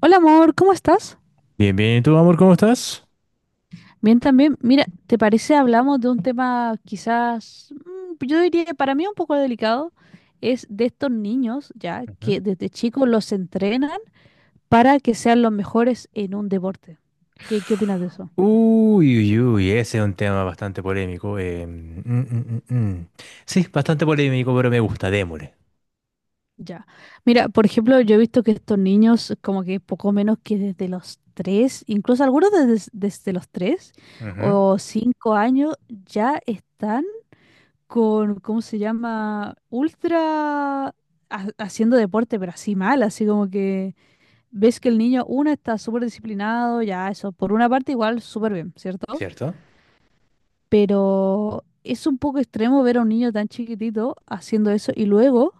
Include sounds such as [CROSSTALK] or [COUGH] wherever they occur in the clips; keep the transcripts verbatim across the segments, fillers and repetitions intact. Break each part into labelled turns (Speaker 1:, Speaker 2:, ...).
Speaker 1: Hola amor, ¿cómo estás?
Speaker 2: Bien, bien, ¿y tú, amor, cómo estás?
Speaker 1: Bien también. Mira, ¿te parece hablamos de un tema quizás, mm, yo diría que para mí un poco delicado, es de estos niños ya
Speaker 2: Ujú.
Speaker 1: que desde chicos los entrenan para que sean los mejores en un deporte. ¿Qué, qué opinas de eso?
Speaker 2: Uy, uy, uy, ese es un tema bastante polémico. eh, mm, mm, mm, mm. Sí, bastante polémico, pero me gusta, démosle.
Speaker 1: Ya. Mira, por ejemplo, yo he visto que estos niños como que poco menos que desde los tres, incluso algunos desde, desde los tres
Speaker 2: Ujú.
Speaker 1: o cinco años ya están con, ¿cómo se llama? Ultra ha- haciendo deporte, pero así mal, así como que ves que el niño, uno está súper disciplinado, ya eso, por una parte igual súper bien, ¿cierto?
Speaker 2: ¿Cierto?
Speaker 1: Pero es un poco extremo ver a un niño tan chiquitito haciendo eso y luego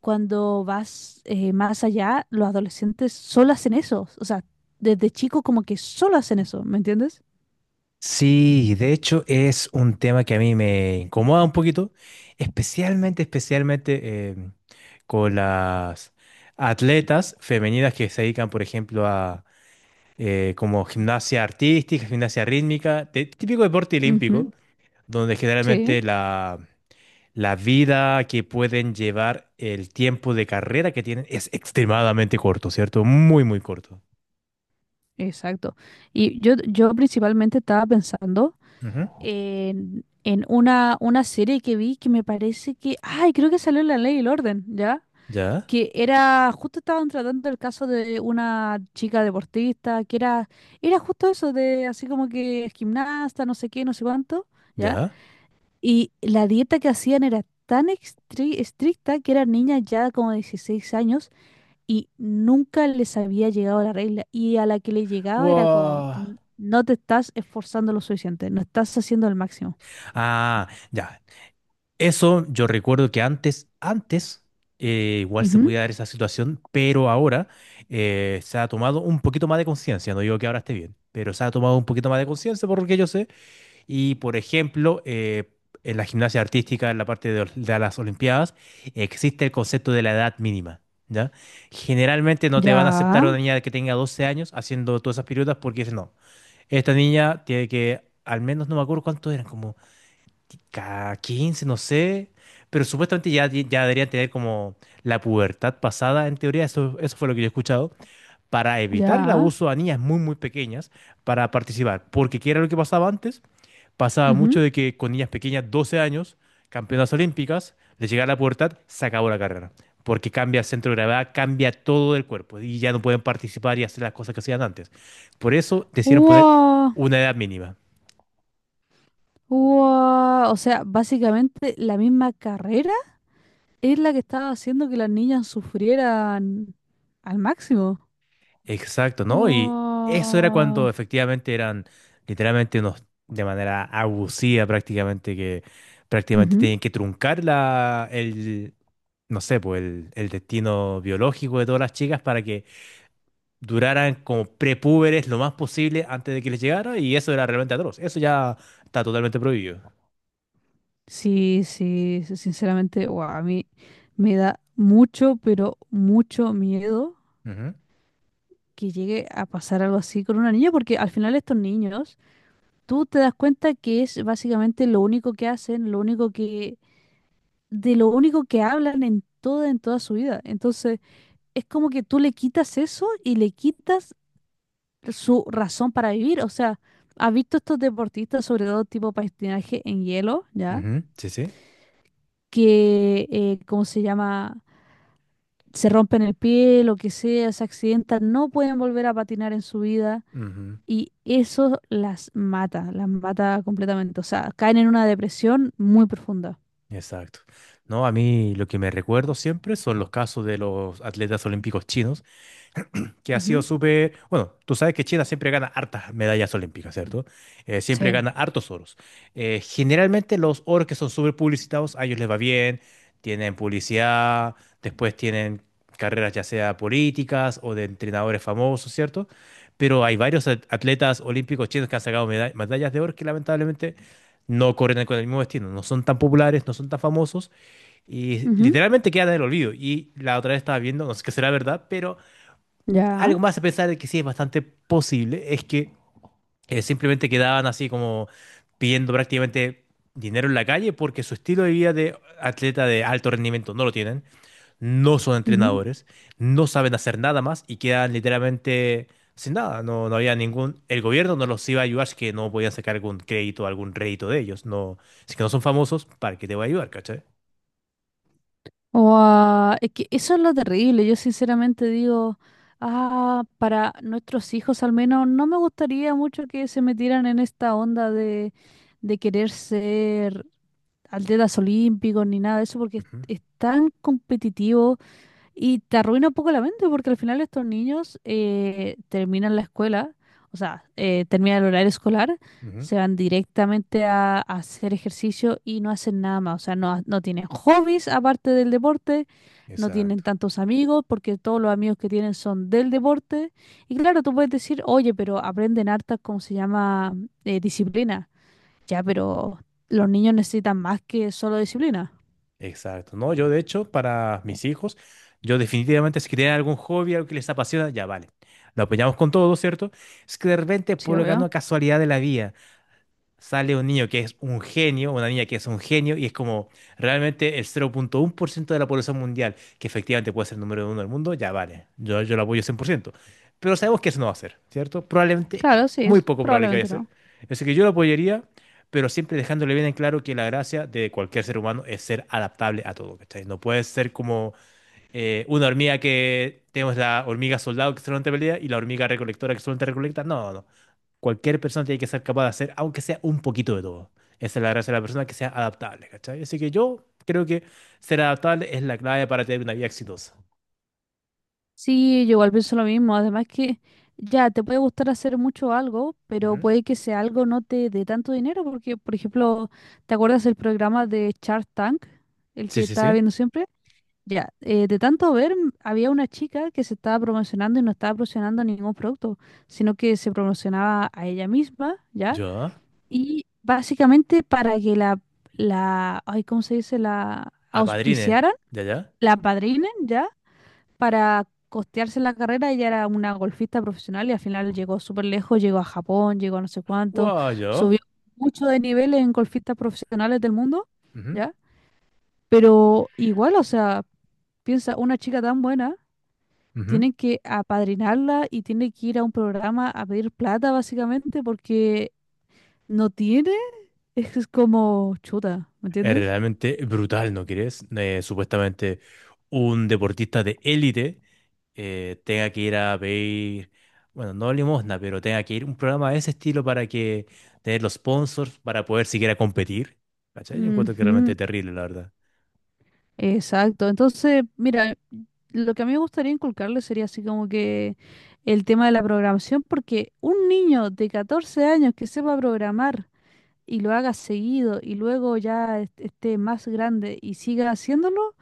Speaker 1: cuando vas eh, más allá, los adolescentes solo hacen eso, o sea, desde chicos como que solo hacen eso, ¿me entiendes?
Speaker 2: Sí, de hecho es un tema que a mí me incomoda un poquito, especialmente, especialmente em, con las atletas femeninas que se dedican, por ejemplo, a eh, como gimnasia artística, gimnasia rítmica, de- típico deporte olímpico,
Speaker 1: Ujú,
Speaker 2: donde
Speaker 1: sí,
Speaker 2: generalmente la La vida que pueden llevar, el tiempo de carrera que tienen es extremadamente corto, ¿cierto? Muy, muy corto.
Speaker 1: exacto. Y yo, yo principalmente estaba pensando
Speaker 2: Ujú.
Speaker 1: en, en una, una serie que vi que me parece que, ay, creo que salió en La Ley y el Orden, ¿ya?
Speaker 2: ¿Ya?
Speaker 1: Que era, justo estaban tratando el caso de una chica deportista, que era, era justo eso, de así como que es gimnasta, no sé qué, no sé cuánto, ¿ya?
Speaker 2: ¿Ya?
Speaker 1: Y la dieta que hacían era tan estri- estricta que eran niñas ya como de dieciséis años y nunca les había llegado la regla. Y a la que le llegaba era como,
Speaker 2: Wow.
Speaker 1: "N- No te estás esforzando lo suficiente, no estás haciendo el máximo."
Speaker 2: Ah, ya. Eso yo recuerdo que antes, antes, eh, igual se
Speaker 1: Ujú.
Speaker 2: podía dar esa situación, pero ahora eh, se ha tomado un poquito más de conciencia. No digo que ahora esté bien, pero se ha tomado un poquito más de conciencia por lo que yo sé. Y, por ejemplo, eh, en la gimnasia artística, en la parte de, de las Olimpiadas, existe el concepto de la edad mínima. ¿Ya? Generalmente no te van a aceptar
Speaker 1: Ya,
Speaker 2: una niña que tenga doce años haciendo todas esas piruetas porque dicen, no, esta niña tiene que, al menos no me acuerdo cuántos eran, como ca- quince no sé, pero supuestamente ya, ya deberían tener como la pubertad pasada, en teoría, eso, eso fue lo que yo he escuchado, para evitar el
Speaker 1: ya.
Speaker 2: abuso a niñas muy, muy pequeñas para participar. Porque ¿qué era lo que pasaba antes? Pasaba mucho
Speaker 1: Ujú.
Speaker 2: de que con niñas pequeñas, doce años, campeonas olímpicas, de llegar a la pubertad, se acabó la carrera. Porque cambia el centro de gravedad, cambia todo el cuerpo y ya no pueden participar y hacer las cosas que hacían antes. Por eso decidieron poner
Speaker 1: Wow,
Speaker 2: una edad mínima.
Speaker 1: wow. O sea, básicamente la misma carrera es la que estaba haciendo que las niñas sufrieran al máximo.
Speaker 2: Exacto, ¿no? Y eso era cuando
Speaker 1: Wow.
Speaker 2: efectivamente eran literalmente unos, de manera abusiva prácticamente, que prácticamente
Speaker 1: Ujú.
Speaker 2: tenían que truncar la, el, no sé, pues el, el destino biológico de todas las chicas para que duraran como prepúberes lo más posible antes de que les llegara y eso era realmente atroz. Eso ya está totalmente prohibido.
Speaker 1: Sí, sí, sí, sinceramente, wow, a mí me da mucho, pero mucho miedo
Speaker 2: Ujú,
Speaker 1: que llegue a pasar algo así con una niña, porque al final estos niños, tú te das cuenta que es básicamente lo único que hacen, lo único que de lo único que hablan en toda, en toda su vida. Entonces, es como que tú le quitas eso y le quitas su razón para vivir. O sea, ¿has visto estos deportistas, sobre todo tipo patinaje en hielo, ya?
Speaker 2: ujú. Sí, sí.
Speaker 1: Que, eh, ¿cómo se llama? Se rompen el pie, lo que sea, se accidentan, no pueden volver a patinar en su vida.
Speaker 2: Ujú.
Speaker 1: Y eso las mata, las mata completamente. O sea, caen en una depresión muy profunda.
Speaker 2: Exacto. No, a mí lo que me recuerdo siempre son los casos de los atletas olímpicos chinos que ha sido
Speaker 1: Ujú,
Speaker 2: súper... Bueno, tú sabes que China siempre gana hartas medallas olímpicas, ¿cierto? Eh, siempre
Speaker 1: sí.
Speaker 2: gana hartos oros. Eh, generalmente los oros que son súper publicitados, a ellos les va bien, tienen publicidad, después tienen carreras ya sea políticas o de entrenadores famosos, ¿cierto? Pero hay varios at- atletas olímpicos chinos que han sacado meda- medallas de oro que lamentablemente no corren con el mismo destino, no son tan populares, no son tan famosos y
Speaker 1: Ujú,
Speaker 2: literalmente quedan en el olvido. Y la otra vez estaba viendo, no sé qué será verdad, pero
Speaker 1: ya.
Speaker 2: algo más a pensar que sí es bastante posible es que eh, simplemente quedaban así como pidiendo prácticamente dinero en la calle porque su estilo de vida de atleta de alto rendimiento no lo tienen, no son
Speaker 1: Ujú.
Speaker 2: entrenadores, no saben hacer nada más y quedan literalmente sin nada. No, no había ningún, el gobierno no los iba a ayudar, así que no podían sacar algún crédito, algún rédito de ellos. No, si que no son famosos, ¿para qué te voy a ayudar, cachai?
Speaker 1: Guau, es que eso es lo terrible. Yo sinceramente digo, ah, para nuestros hijos al menos, no me gustaría mucho que se metieran en esta onda de, de querer ser atletas olímpicos ni nada de eso, porque es,
Speaker 2: Ujú,
Speaker 1: es tan competitivo. Y te arruina un poco la mente porque al final estos niños eh, terminan la escuela, o sea, eh, terminan el horario escolar,
Speaker 2: ujú.
Speaker 1: se van directamente a, a hacer ejercicio y no hacen nada más, o sea, no, ha- no tienen hobbies aparte del deporte, no tienen
Speaker 2: Exacto.
Speaker 1: tantos amigos porque todos los amigos que tienen son del deporte. Y claro, tú puedes decir, oye, pero aprenden hartas, ¿cómo se llama? eh, disciplina. Ya, pero los niños necesitan más que solo disciplina.
Speaker 2: Exacto. No, yo de hecho, para mis hijos, yo definitivamente si tienen algún hobby, algo que les apasiona, ya vale. Lo apoyamos con todo, ¿cierto? Es que de repente,
Speaker 1: Sí,
Speaker 2: por
Speaker 1: obvio.
Speaker 2: la casualidad de la vida sale un niño que es un genio, una niña que es un genio, y es como realmente el cero coma uno por ciento de la población mundial, que efectivamente puede ser el número uno del mundo, ya vale, yo, yo lo apoyo cien por ciento. Pero sabemos que eso no va a ser, ¿cierto? Probablemente,
Speaker 1: Claro, sí,
Speaker 2: muy
Speaker 1: es,
Speaker 2: poco probable que vaya a
Speaker 1: probablemente
Speaker 2: ser.
Speaker 1: no.
Speaker 2: Así que yo lo apoyaría, pero siempre dejándole bien en claro que la gracia de cualquier ser humano es ser adaptable a todo, ¿cachai? No puedes ser como eh, una hormiga que tenemos la hormiga soldado que solamente pelea y la hormiga recolectora que solamente recolecta. No, no, no cualquier persona tiene que ser capaz de hacer, aunque sea un poquito de todo. Esa es la gracia de la persona, que sea adaptable, ¿cachai? Así que yo creo que ser adaptable es la clave para tener una vida exitosa.
Speaker 1: Sí, yo igual pienso lo mismo. Además que ya te puede gustar hacer mucho algo, pero
Speaker 2: Ujú.
Speaker 1: puede que sea algo no te dé tanto dinero, porque, por ejemplo, ¿te acuerdas del programa de Shark Tank, el
Speaker 2: Sí,
Speaker 1: que
Speaker 2: sí,
Speaker 1: estaba
Speaker 2: sí.
Speaker 1: viendo siempre? Ya, eh, de tanto ver, m- había una chica que se estaba promocionando y no estaba promocionando ningún producto, sino que se promocionaba a ella misma, ¿ya?
Speaker 2: Yo.
Speaker 1: Y básicamente para que la, la, ay, ¿cómo se dice? La
Speaker 2: Apadrine.
Speaker 1: auspiciaran,
Speaker 2: Ya, ya.
Speaker 1: la padrinen, ¿ya? Para costearse la carrera, ella era una golfista profesional y al final llegó súper lejos, llegó a Japón, llegó a no sé cuánto,
Speaker 2: Guau, yo.
Speaker 1: subió mucho de nivel en golfistas profesionales del mundo,
Speaker 2: Ujú,
Speaker 1: ¿ya? Pero igual, o sea, piensa, una chica tan buena,
Speaker 2: ujú.
Speaker 1: tienen que apadrinarla y tiene que ir a un programa a pedir plata, básicamente, porque no tiene, [LAUGHS] es que es como chuta, ¿me
Speaker 2: Es
Speaker 1: entiendes?
Speaker 2: realmente brutal, ¿no crees? Eh, supuestamente un deportista de élite eh, tenga que ir a pedir, bueno, no limosna, pero tenga que ir a un programa de ese estilo para que tener los sponsors para poder siquiera competir. ¿Cachai? Yo encuentro que es realmente
Speaker 1: Ujú.
Speaker 2: terrible, la verdad.
Speaker 1: Exacto. Entonces, mira, lo que a mí me gustaría inculcarle sería así como que el tema de la programación, porque un niño de catorce años que sepa programar y lo haga seguido y luego ya est- esté más grande y siga haciéndolo,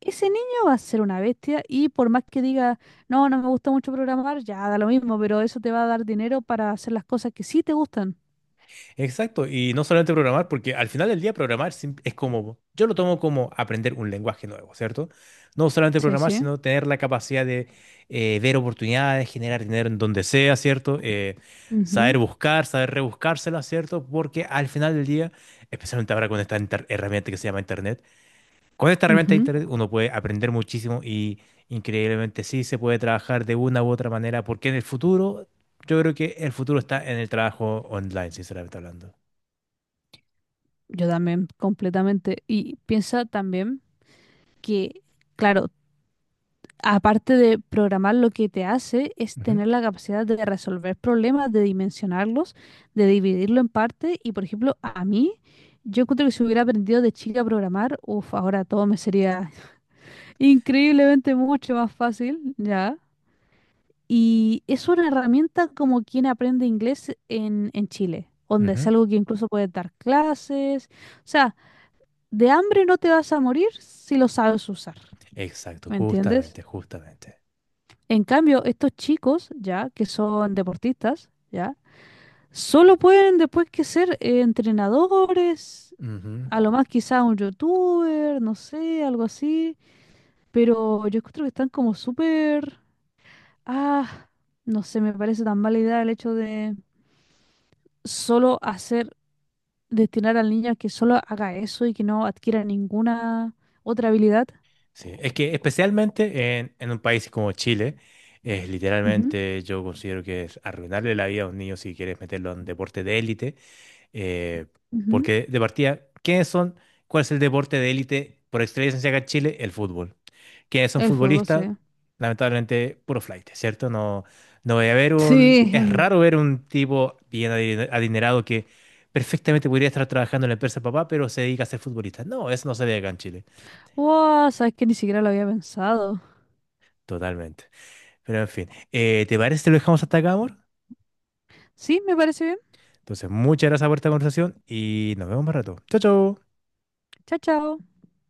Speaker 1: ese niño va a ser una bestia y por más que diga, no, no me gusta mucho programar, ya da lo mismo, pero eso te va a dar dinero para hacer las cosas que sí te gustan.
Speaker 2: Exacto, y no solamente programar, porque al final del día programar sim- es como, yo lo tomo como aprender un lenguaje nuevo, ¿cierto? No solamente
Speaker 1: Sí,
Speaker 2: programar,
Speaker 1: sí.
Speaker 2: sino tener la capacidad de eh, ver oportunidades, generar dinero en donde sea, ¿cierto? Eh,
Speaker 1: Ujú,
Speaker 2: saber buscar, saber rebuscársela, ¿cierto? Porque al final del día, especialmente ahora con esta inter- herramienta que se llama Internet, con esta herramienta de
Speaker 1: ujú.
Speaker 2: Internet uno puede aprender muchísimo y increíblemente sí se puede trabajar de una u otra manera, porque en el futuro, yo creo que el futuro está en el trabajo online, sinceramente hablando.
Speaker 1: Yo también, completamente. Y piensa también. Que, claro, aparte de programar, lo que te hace es
Speaker 2: Ujú,
Speaker 1: tener la capacidad de resolver problemas, de dimensionarlos, de dividirlo en partes. Y, por ejemplo, a mí, yo encuentro que si hubiera aprendido de chica a programar, uff, ahora todo me sería [LAUGHS] increíblemente mucho más fácil, ¿ya? Y es una herramienta como quien aprende inglés en, en Chile, donde es
Speaker 2: ujú.
Speaker 1: algo que incluso puedes dar clases. O sea, de hambre no te vas a morir si lo sabes usar,
Speaker 2: Exacto,
Speaker 1: ¿me entiendes?
Speaker 2: justamente, justamente.
Speaker 1: En cambio, estos chicos, ya, que son deportistas, ya, solo pueden después que ser eh, entrenadores, a lo
Speaker 2: Ujú.
Speaker 1: más quizá un youtuber, no sé, algo así, pero yo creo que están como súper, ah, no sé, me parece tan mala idea el hecho de solo hacer, destinar al niño a que solo haga eso y que no adquiera ninguna otra habilidad.
Speaker 2: Sí, es que especialmente en, en un país como Chile, es
Speaker 1: Ujú,
Speaker 2: literalmente yo considero que es arruinarle la vida a un niño si quieres meterlo en deporte de élite eh,
Speaker 1: ujú.
Speaker 2: porque de partida, ¿quiénes son? ¿Cuál es el deporte de élite por excelencia acá en Chile? El fútbol. ¿Quiénes son
Speaker 1: El fútbol,
Speaker 2: futbolistas?
Speaker 1: sí.
Speaker 2: Lamentablemente, puro flight, ¿cierto? No, no voy a ver un...
Speaker 1: Sí.
Speaker 2: Es raro
Speaker 1: [LAUGHS]
Speaker 2: ver un tipo bien adi- adinerado que perfectamente podría estar trabajando en la empresa de papá, pero se dedica a ser futbolista. No, eso no se ve acá en Chile.
Speaker 1: Wow, sabes que ni siquiera lo había pensado.
Speaker 2: Totalmente. Pero en fin, eh, ¿te parece que lo dejamos hasta acá, amor?
Speaker 1: Sí, me parece bien.
Speaker 2: Entonces, muchas gracias por esta conversación y nos vemos más rato. Chao, chao.
Speaker 1: Chao, chao.